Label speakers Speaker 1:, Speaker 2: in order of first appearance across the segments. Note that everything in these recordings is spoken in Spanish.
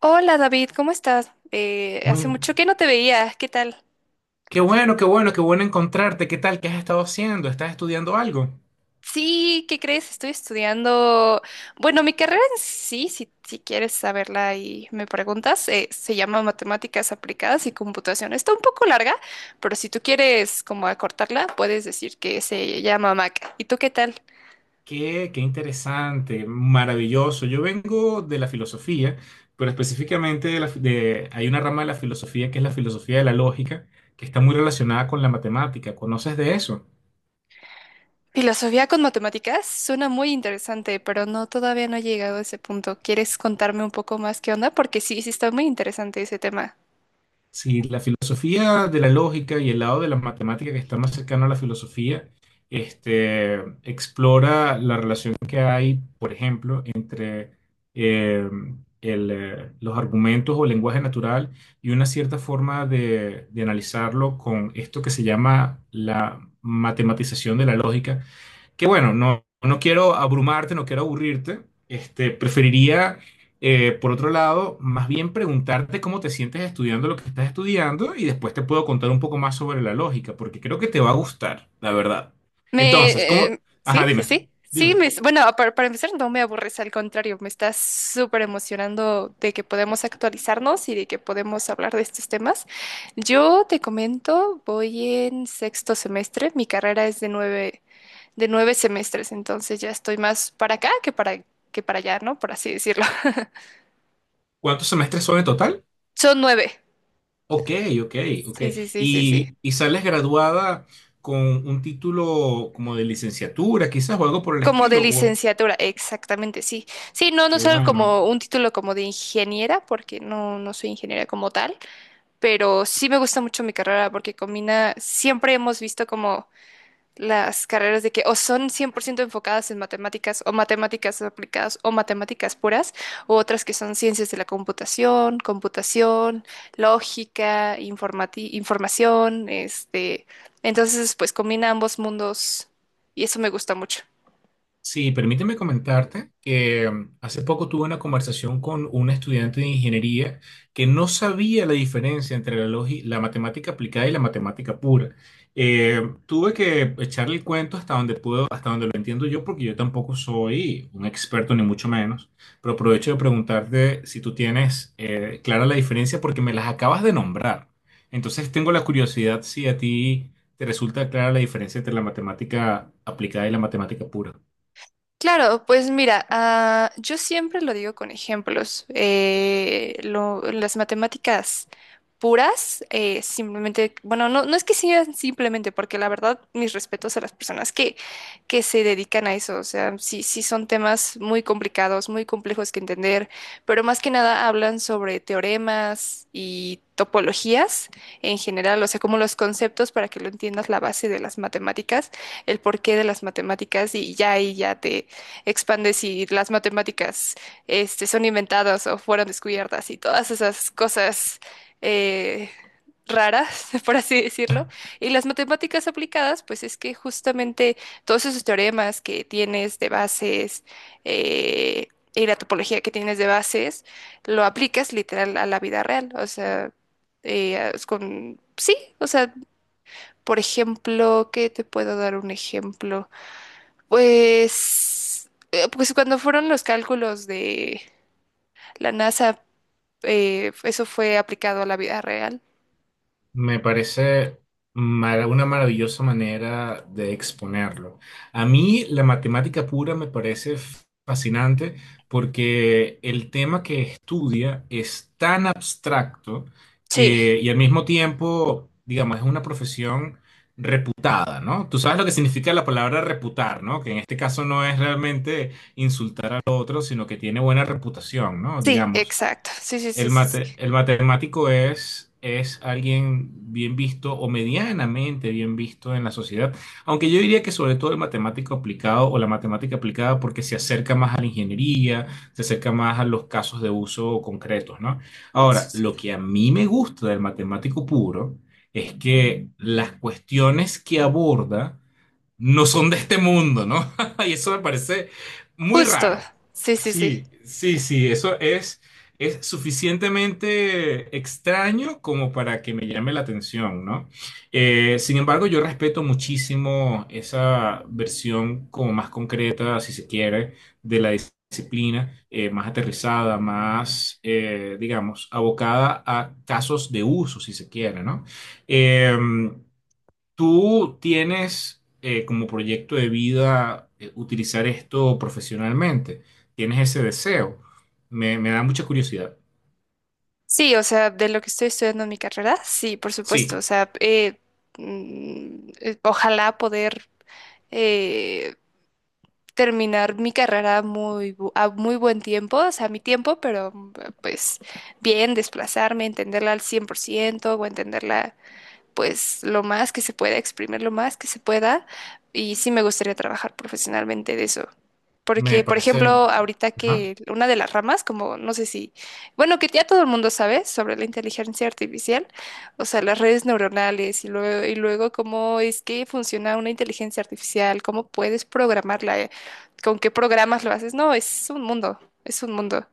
Speaker 1: Hola David, ¿cómo estás? Hace
Speaker 2: Muy,
Speaker 1: mucho que no te veía, ¿qué tal?
Speaker 2: qué bueno, qué bueno, qué bueno encontrarte. ¿Qué tal? ¿Qué has estado haciendo? ¿Estás estudiando algo?
Speaker 1: Sí, ¿qué crees? Estoy estudiando, bueno, mi carrera en sí, si quieres saberla y me preguntas, se llama Matemáticas Aplicadas y Computación. Está un poco larga, pero si tú quieres como acortarla, puedes decir que se llama MAC. ¿Y tú qué tal?
Speaker 2: Qué, qué interesante, maravilloso. Yo vengo de la filosofía, pero específicamente de la, fi- de- hay una rama de la filosofía que es la filosofía de la lógica, que está muy relacionada con la matemática. ¿Conoces de eso?
Speaker 1: Filosofía con matemáticas suena muy interesante, pero no, todavía no he llegado a ese punto. ¿Quieres contarme un poco más qué onda? Porque sí, sí está muy interesante ese tema.
Speaker 2: Sí, la filosofía de la lógica y el lado de la matemática que está más cercano a la filosofía, este, explora la relación que hay, por ejemplo, entre eh, los argumentos o lenguaje natural y una cierta forma de analizarlo con esto que se llama la matematización de la lógica, que bueno, no quiero abrumarte, no quiero aburrirte. Este, preferiría, por otro lado, más bien preguntarte cómo te sientes estudiando lo que estás estudiando y después te puedo contar un poco más sobre la lógica, porque creo que te va a gustar, la verdad. Entonces,
Speaker 1: Me,
Speaker 2: ¿cómo?
Speaker 1: eh,
Speaker 2: Ajá,
Speaker 1: sí, sí,
Speaker 2: dime,
Speaker 1: sí. Sí,
Speaker 2: dime.
Speaker 1: bueno, para empezar, no me aburres, al contrario, me estás súper emocionando de que podemos actualizarnos y de que podemos hablar de estos temas. Yo te comento, voy en sexto semestre, mi carrera es de 9 semestres, entonces ya estoy más para acá que que para allá, ¿no? Por así decirlo.
Speaker 2: ¿Cuántos semestres son en total?
Speaker 1: Son nueve.
Speaker 2: Ok, ok, ok.
Speaker 1: Sí, sí, sí, sí, sí.
Speaker 2: ¿Y sales graduada con un título como de licenciatura, quizás, o algo por el
Speaker 1: Como de
Speaker 2: estilo? O,
Speaker 1: licenciatura, exactamente, sí. Sí, no
Speaker 2: qué
Speaker 1: soy
Speaker 2: bueno.
Speaker 1: como un título como de ingeniera, porque no soy ingeniera como tal, pero sí me gusta mucho mi carrera porque combina, siempre hemos visto como las carreras de que o son 100% enfocadas en matemáticas o matemáticas aplicadas o matemáticas puras, o otras que son ciencias de la computación, lógica, información, este, entonces pues combina ambos mundos y eso me gusta mucho.
Speaker 2: Sí, permíteme comentarte que hace poco tuve una conversación con un estudiante de ingeniería que no sabía la diferencia entre la matemática aplicada y la matemática pura. Eh, tuve que echarle el cuento hasta donde puedo, hasta donde lo entiendo yo, porque yo tampoco soy un experto ni mucho menos, pero aprovecho de preguntarte si tú tienes clara la diferencia porque me las acabas de nombrar. Entonces tengo la curiosidad si a ti te resulta clara la diferencia entre la matemática aplicada y la matemática pura.
Speaker 1: Claro, pues mira, ah, yo siempre lo digo con ejemplos. Las matemáticas puras, simplemente, bueno, no es que sean simplemente, porque la verdad, mis respetos a las personas que se dedican a eso, o sea, sí, sí son temas muy complicados, muy complejos que entender, pero más que nada hablan sobre teoremas y topologías en general, o sea, como los conceptos para que lo entiendas la base de las matemáticas, el porqué de las matemáticas y ya ahí ya te expandes si las matemáticas son inventadas o fueron descubiertas y todas esas cosas eh, raras, por así decirlo. Y las matemáticas aplicadas, pues es que justamente todos esos teoremas que tienes de bases eh, y la topología que tienes de bases, lo aplicas literal a la vida real. O sea, Sí, o sea, por ejemplo, ¿qué te puedo dar un ejemplo? Pues cuando fueron los cálculos de la NASA, eso fue aplicado a la vida real.
Speaker 2: Me parece una maravillosa manera de exponerlo. A mí la matemática pura me parece fascinante porque el tema que estudia es tan abstracto
Speaker 1: Sí.
Speaker 2: que, y al mismo tiempo, digamos, es una profesión reputada, ¿no? Tú sabes lo que significa la palabra reputar, ¿no? Que en este caso no es realmente insultar al otro, sino que tiene buena reputación, ¿no?
Speaker 1: Sí,
Speaker 2: Digamos.
Speaker 1: exacto. Sí, sí, sí, sí, sí.
Speaker 2: El matemático es alguien bien visto o medianamente bien visto en la sociedad, aunque yo diría que sobre todo el matemático aplicado o la matemática aplicada porque se acerca más a la ingeniería, se acerca más a los casos de uso concretos, ¿no?
Speaker 1: Eso
Speaker 2: Ahora,
Speaker 1: es.
Speaker 2: lo que a mí me gusta del matemático puro es que las cuestiones que aborda no son de este mundo, ¿no? Y eso me parece muy
Speaker 1: Justo.
Speaker 2: raro.
Speaker 1: Sí, sí, sí.
Speaker 2: Sí, sí, sí, eso es suficientemente extraño como para que me llame la atención, ¿no? Sin embargo, yo respeto muchísimo esa versión como más concreta, si se quiere, de la disciplina, más aterrizada, más, digamos, abocada a casos de uso, si se quiere, ¿no? Em, ¿Tú tienes como proyecto de vida utilizar esto profesionalmente? ¿Tienes ese deseo? Me da mucha curiosidad.
Speaker 1: Sí, o sea, de lo que estoy estudiando en mi carrera, sí, por
Speaker 2: Sí,
Speaker 1: supuesto. O sea, ojalá poder eh, terminar mi carrera muy, a muy buen tiempo, o sea, a mi tiempo, pero pues bien, desplazarme, entenderla al 100% o entenderla pues lo más que se pueda, exprimir lo más que se pueda. Y sí me gustaría trabajar profesionalmente de eso.
Speaker 2: me
Speaker 1: Porque, por ejemplo,
Speaker 2: parece...
Speaker 1: ahorita
Speaker 2: Ajá.
Speaker 1: que una de las ramas, como no sé si, bueno, que ya todo el mundo sabe sobre la inteligencia artificial, o sea, las redes neuronales y luego, cómo es que funciona una inteligencia artificial, cómo puedes programarla, con qué programas lo haces. No, es un mundo, es un mundo.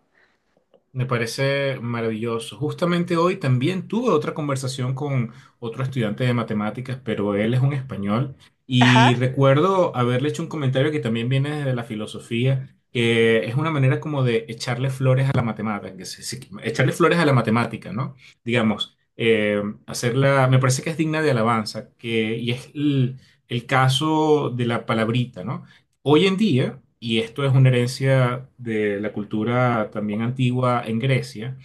Speaker 2: Me parece maravilloso. Justamente hoy también tuve otra conversación con otro estudiante de matemáticas, pero él es un español y
Speaker 1: Ajá,
Speaker 2: recuerdo haberle hecho un comentario que también viene desde la filosofía, que es una manera como de echarle flores a la matemática, echarle flores a la matemática, ¿no? Digamos, hacerla, me parece que es digna de alabanza, que, y es el caso de la palabrita, ¿no? Hoy en día, y esto es una herencia de la cultura también antigua en Grecia,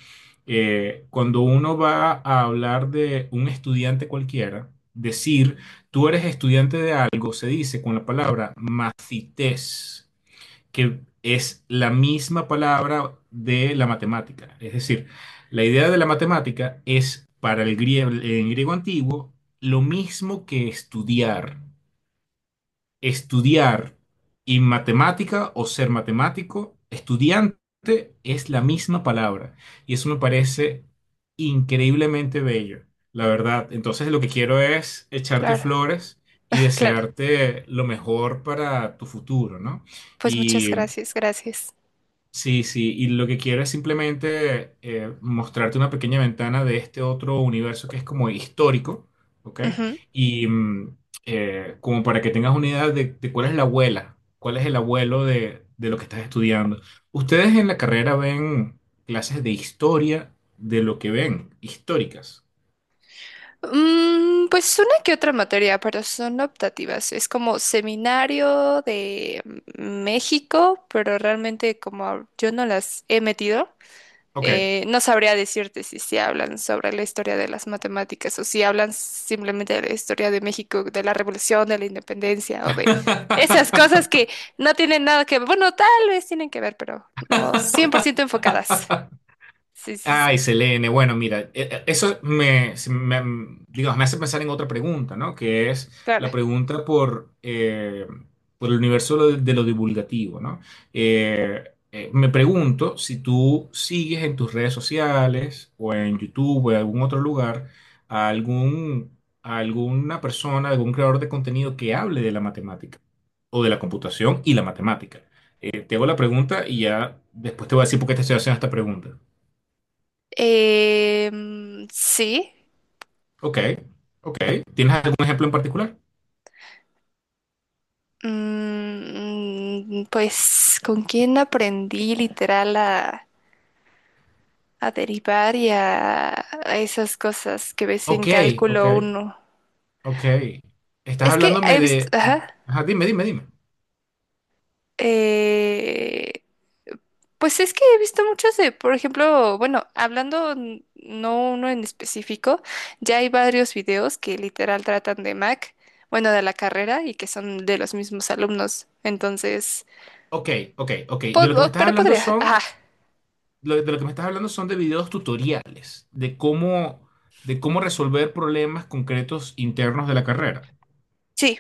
Speaker 2: cuando uno va a hablar de un estudiante cualquiera, decir tú eres estudiante de algo, se dice con la palabra macites, que es la misma palabra de la matemática. Es decir, la idea de la matemática es para el griego, en griego antiguo lo mismo que estudiar y matemática o ser matemático, estudiante es la misma palabra. Y eso me parece increíblemente bello, la verdad. Entonces lo que quiero es echarte
Speaker 1: claro,
Speaker 2: flores y
Speaker 1: claro.
Speaker 2: desearte lo mejor para tu futuro, ¿no?
Speaker 1: Pues muchas gracias, gracias.
Speaker 2: Sí, sí, y lo que quiero es simplemente mostrarte una pequeña ventana de este otro universo que es como histórico, ¿ok?
Speaker 1: Ujú.
Speaker 2: Y como para que tengas una idea de cuál es la abuela, cuál es el abuelo de lo que estás estudiando. Ustedes en la carrera ven clases de historia de lo que ven, históricas,
Speaker 1: Pues una que otra materia, pero son optativas. Es como seminario de México, pero realmente como yo no las he metido,
Speaker 2: ¿ok?
Speaker 1: no sabría decirte si se hablan sobre la historia de las matemáticas o si hablan simplemente de la historia de México, de la revolución, de la independencia o de esas cosas que no tienen nada que ver. Bueno, tal vez tienen que ver, pero no 100% enfocadas. Sí, sí,
Speaker 2: Ay,
Speaker 1: sí,
Speaker 2: Selene, bueno, mira, eso digamos, me hace pensar en otra pregunta, ¿no? Que es
Speaker 1: claro.
Speaker 2: la pregunta por el universo de lo divulgativo, ¿no? Eh, me pregunto si tú sigues en tus redes sociales o en YouTube o en algún otro lugar a a alguna persona, algún creador de contenido que hable de la matemática o de la computación y la matemática. Te hago la pregunta y ya después te voy a decir por qué te estoy haciendo esta pregunta.
Speaker 1: Sí.
Speaker 2: Ok, ok. ¿Tienes algún ejemplo en particular?
Speaker 1: Pues con quién aprendí literal a derivar y a esas cosas que ves en
Speaker 2: Ok, ok,
Speaker 1: cálculo uno.
Speaker 2: ok. Estás
Speaker 1: Es que he
Speaker 2: hablándome
Speaker 1: visto,
Speaker 2: de...
Speaker 1: ajá,
Speaker 2: Ajá, dime, dime, dime.
Speaker 1: eh, pues es que he visto muchos de, por ejemplo, bueno, hablando no uno en específico, ya hay varios videos que literal tratan de Mac, bueno, de la carrera y que son de los mismos alumnos. Entonces,
Speaker 2: Ok, ok, ok. De lo que me estás
Speaker 1: pero
Speaker 2: hablando
Speaker 1: podría,
Speaker 2: son,
Speaker 1: ajá,
Speaker 2: de lo que me estás hablando son de videos tutoriales, de cómo resolver problemas concretos internos de la carrera.
Speaker 1: sí,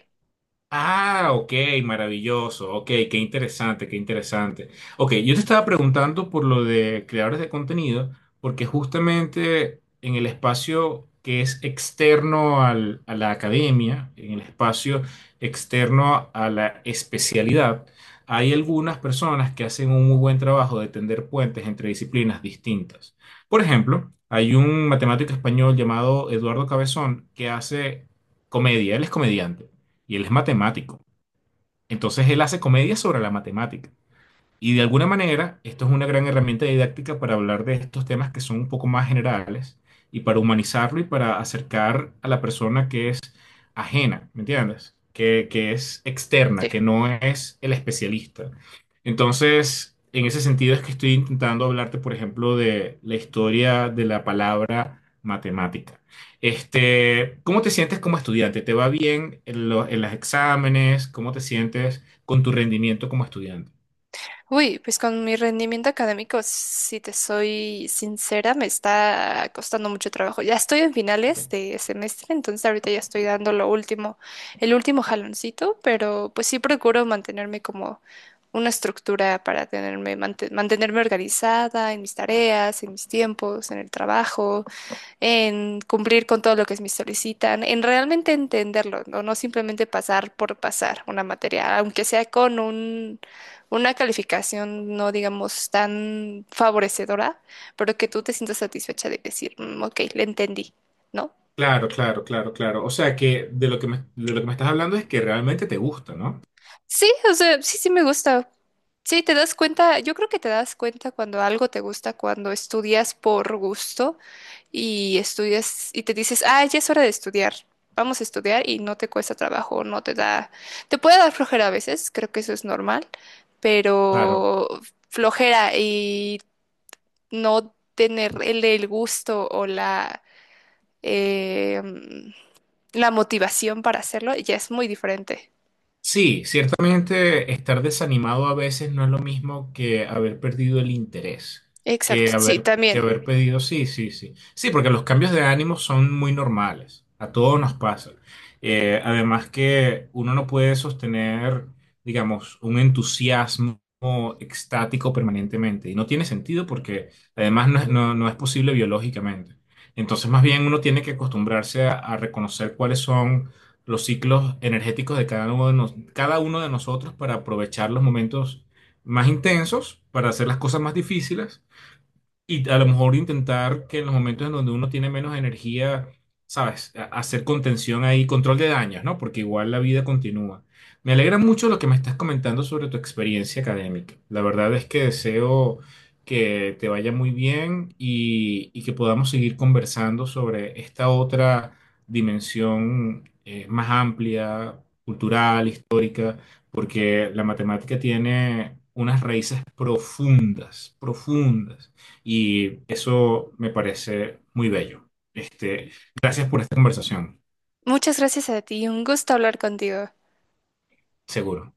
Speaker 2: Ah, ok, maravilloso, ok, qué interesante, qué interesante. Ok, yo te estaba preguntando por lo de creadores de contenido, porque justamente en el espacio que es externo a la academia, en el espacio externo a la especialidad, hay algunas personas que hacen un muy buen trabajo de tender puentes entre disciplinas distintas. Por ejemplo, hay un matemático español llamado Eduardo Cabezón que hace comedia, él es comediante y él es matemático. Entonces él hace comedias sobre la matemática. Y de alguna manera, esto es una gran herramienta didáctica para hablar de estos temas que son un poco más generales y para humanizarlo y para acercar a la persona que es ajena, ¿me entiendes? Que es externa,
Speaker 1: sí.
Speaker 2: que no es el especialista. Entonces, en ese sentido es que estoy intentando hablarte, por ejemplo, de la historia de la palabra matemática. Este, ¿cómo te sientes como estudiante? ¿Te va bien en en los exámenes? ¿Cómo te sientes con tu rendimiento como estudiante?
Speaker 1: Uy, pues con mi rendimiento académico, si te soy sincera, me está costando mucho trabajo. Ya estoy en finales de semestre, entonces ahorita ya estoy dando lo último, el último jaloncito, pero pues sí procuro mantenerme como una estructura para tenerme, mantenerme organizada en mis tareas, en mis tiempos, en el trabajo en cumplir con todo lo que me solicitan, en realmente entenderlo, no simplemente pasar por pasar una materia, aunque sea con una calificación no digamos tan favorecedora, pero que tú te sientas satisfecha de decir, "Mm, ok, le entendí", ¿no?
Speaker 2: Claro, claro, claro, claro. O sea que de lo que me estás hablando es que realmente te gusta, ¿no?
Speaker 1: Sí, o sea, sí, sí me gusta. Sí, te das cuenta, yo creo que te das cuenta cuando algo te gusta, cuando estudias por gusto y estudias y te dices, ah, ya es hora de estudiar, vamos a estudiar y no te cuesta trabajo, no te da, te puede dar flojera a veces, creo que eso es normal,
Speaker 2: Claro.
Speaker 1: pero flojera y no tener el gusto o eh, la motivación para hacerlo ya es muy diferente.
Speaker 2: Sí, ciertamente estar desanimado a veces no es lo mismo que haber perdido el interés,
Speaker 1: Exacto, sí,
Speaker 2: que
Speaker 1: también.
Speaker 2: haber pedido, sí, sí, sí. Sí, porque los cambios de ánimo son muy normales, a todos nos pasa. Además que uno no puede sostener, digamos, un entusiasmo extático permanentemente y no tiene sentido porque además no es posible biológicamente. Entonces, más bien uno tiene que acostumbrarse a reconocer cuáles son los ciclos energéticos de cada uno cada uno de nosotros para aprovechar los momentos más intensos, para hacer las cosas más difíciles y a lo mejor intentar que en los momentos en donde uno tiene menos energía, ¿sabes? Hacer contención ahí, control de daños, ¿no? Porque igual la vida continúa. Me alegra mucho lo que me estás comentando sobre tu experiencia académica. La verdad es que deseo que te vaya muy bien y que podamos seguir conversando sobre esta otra dimensión más amplia, cultural, histórica, porque la matemática tiene unas raíces profundas, profundas y eso me parece muy bello. Este, gracias por esta conversación,
Speaker 1: Muchas gracias a ti, un gusto hablar contigo.
Speaker 2: seguro.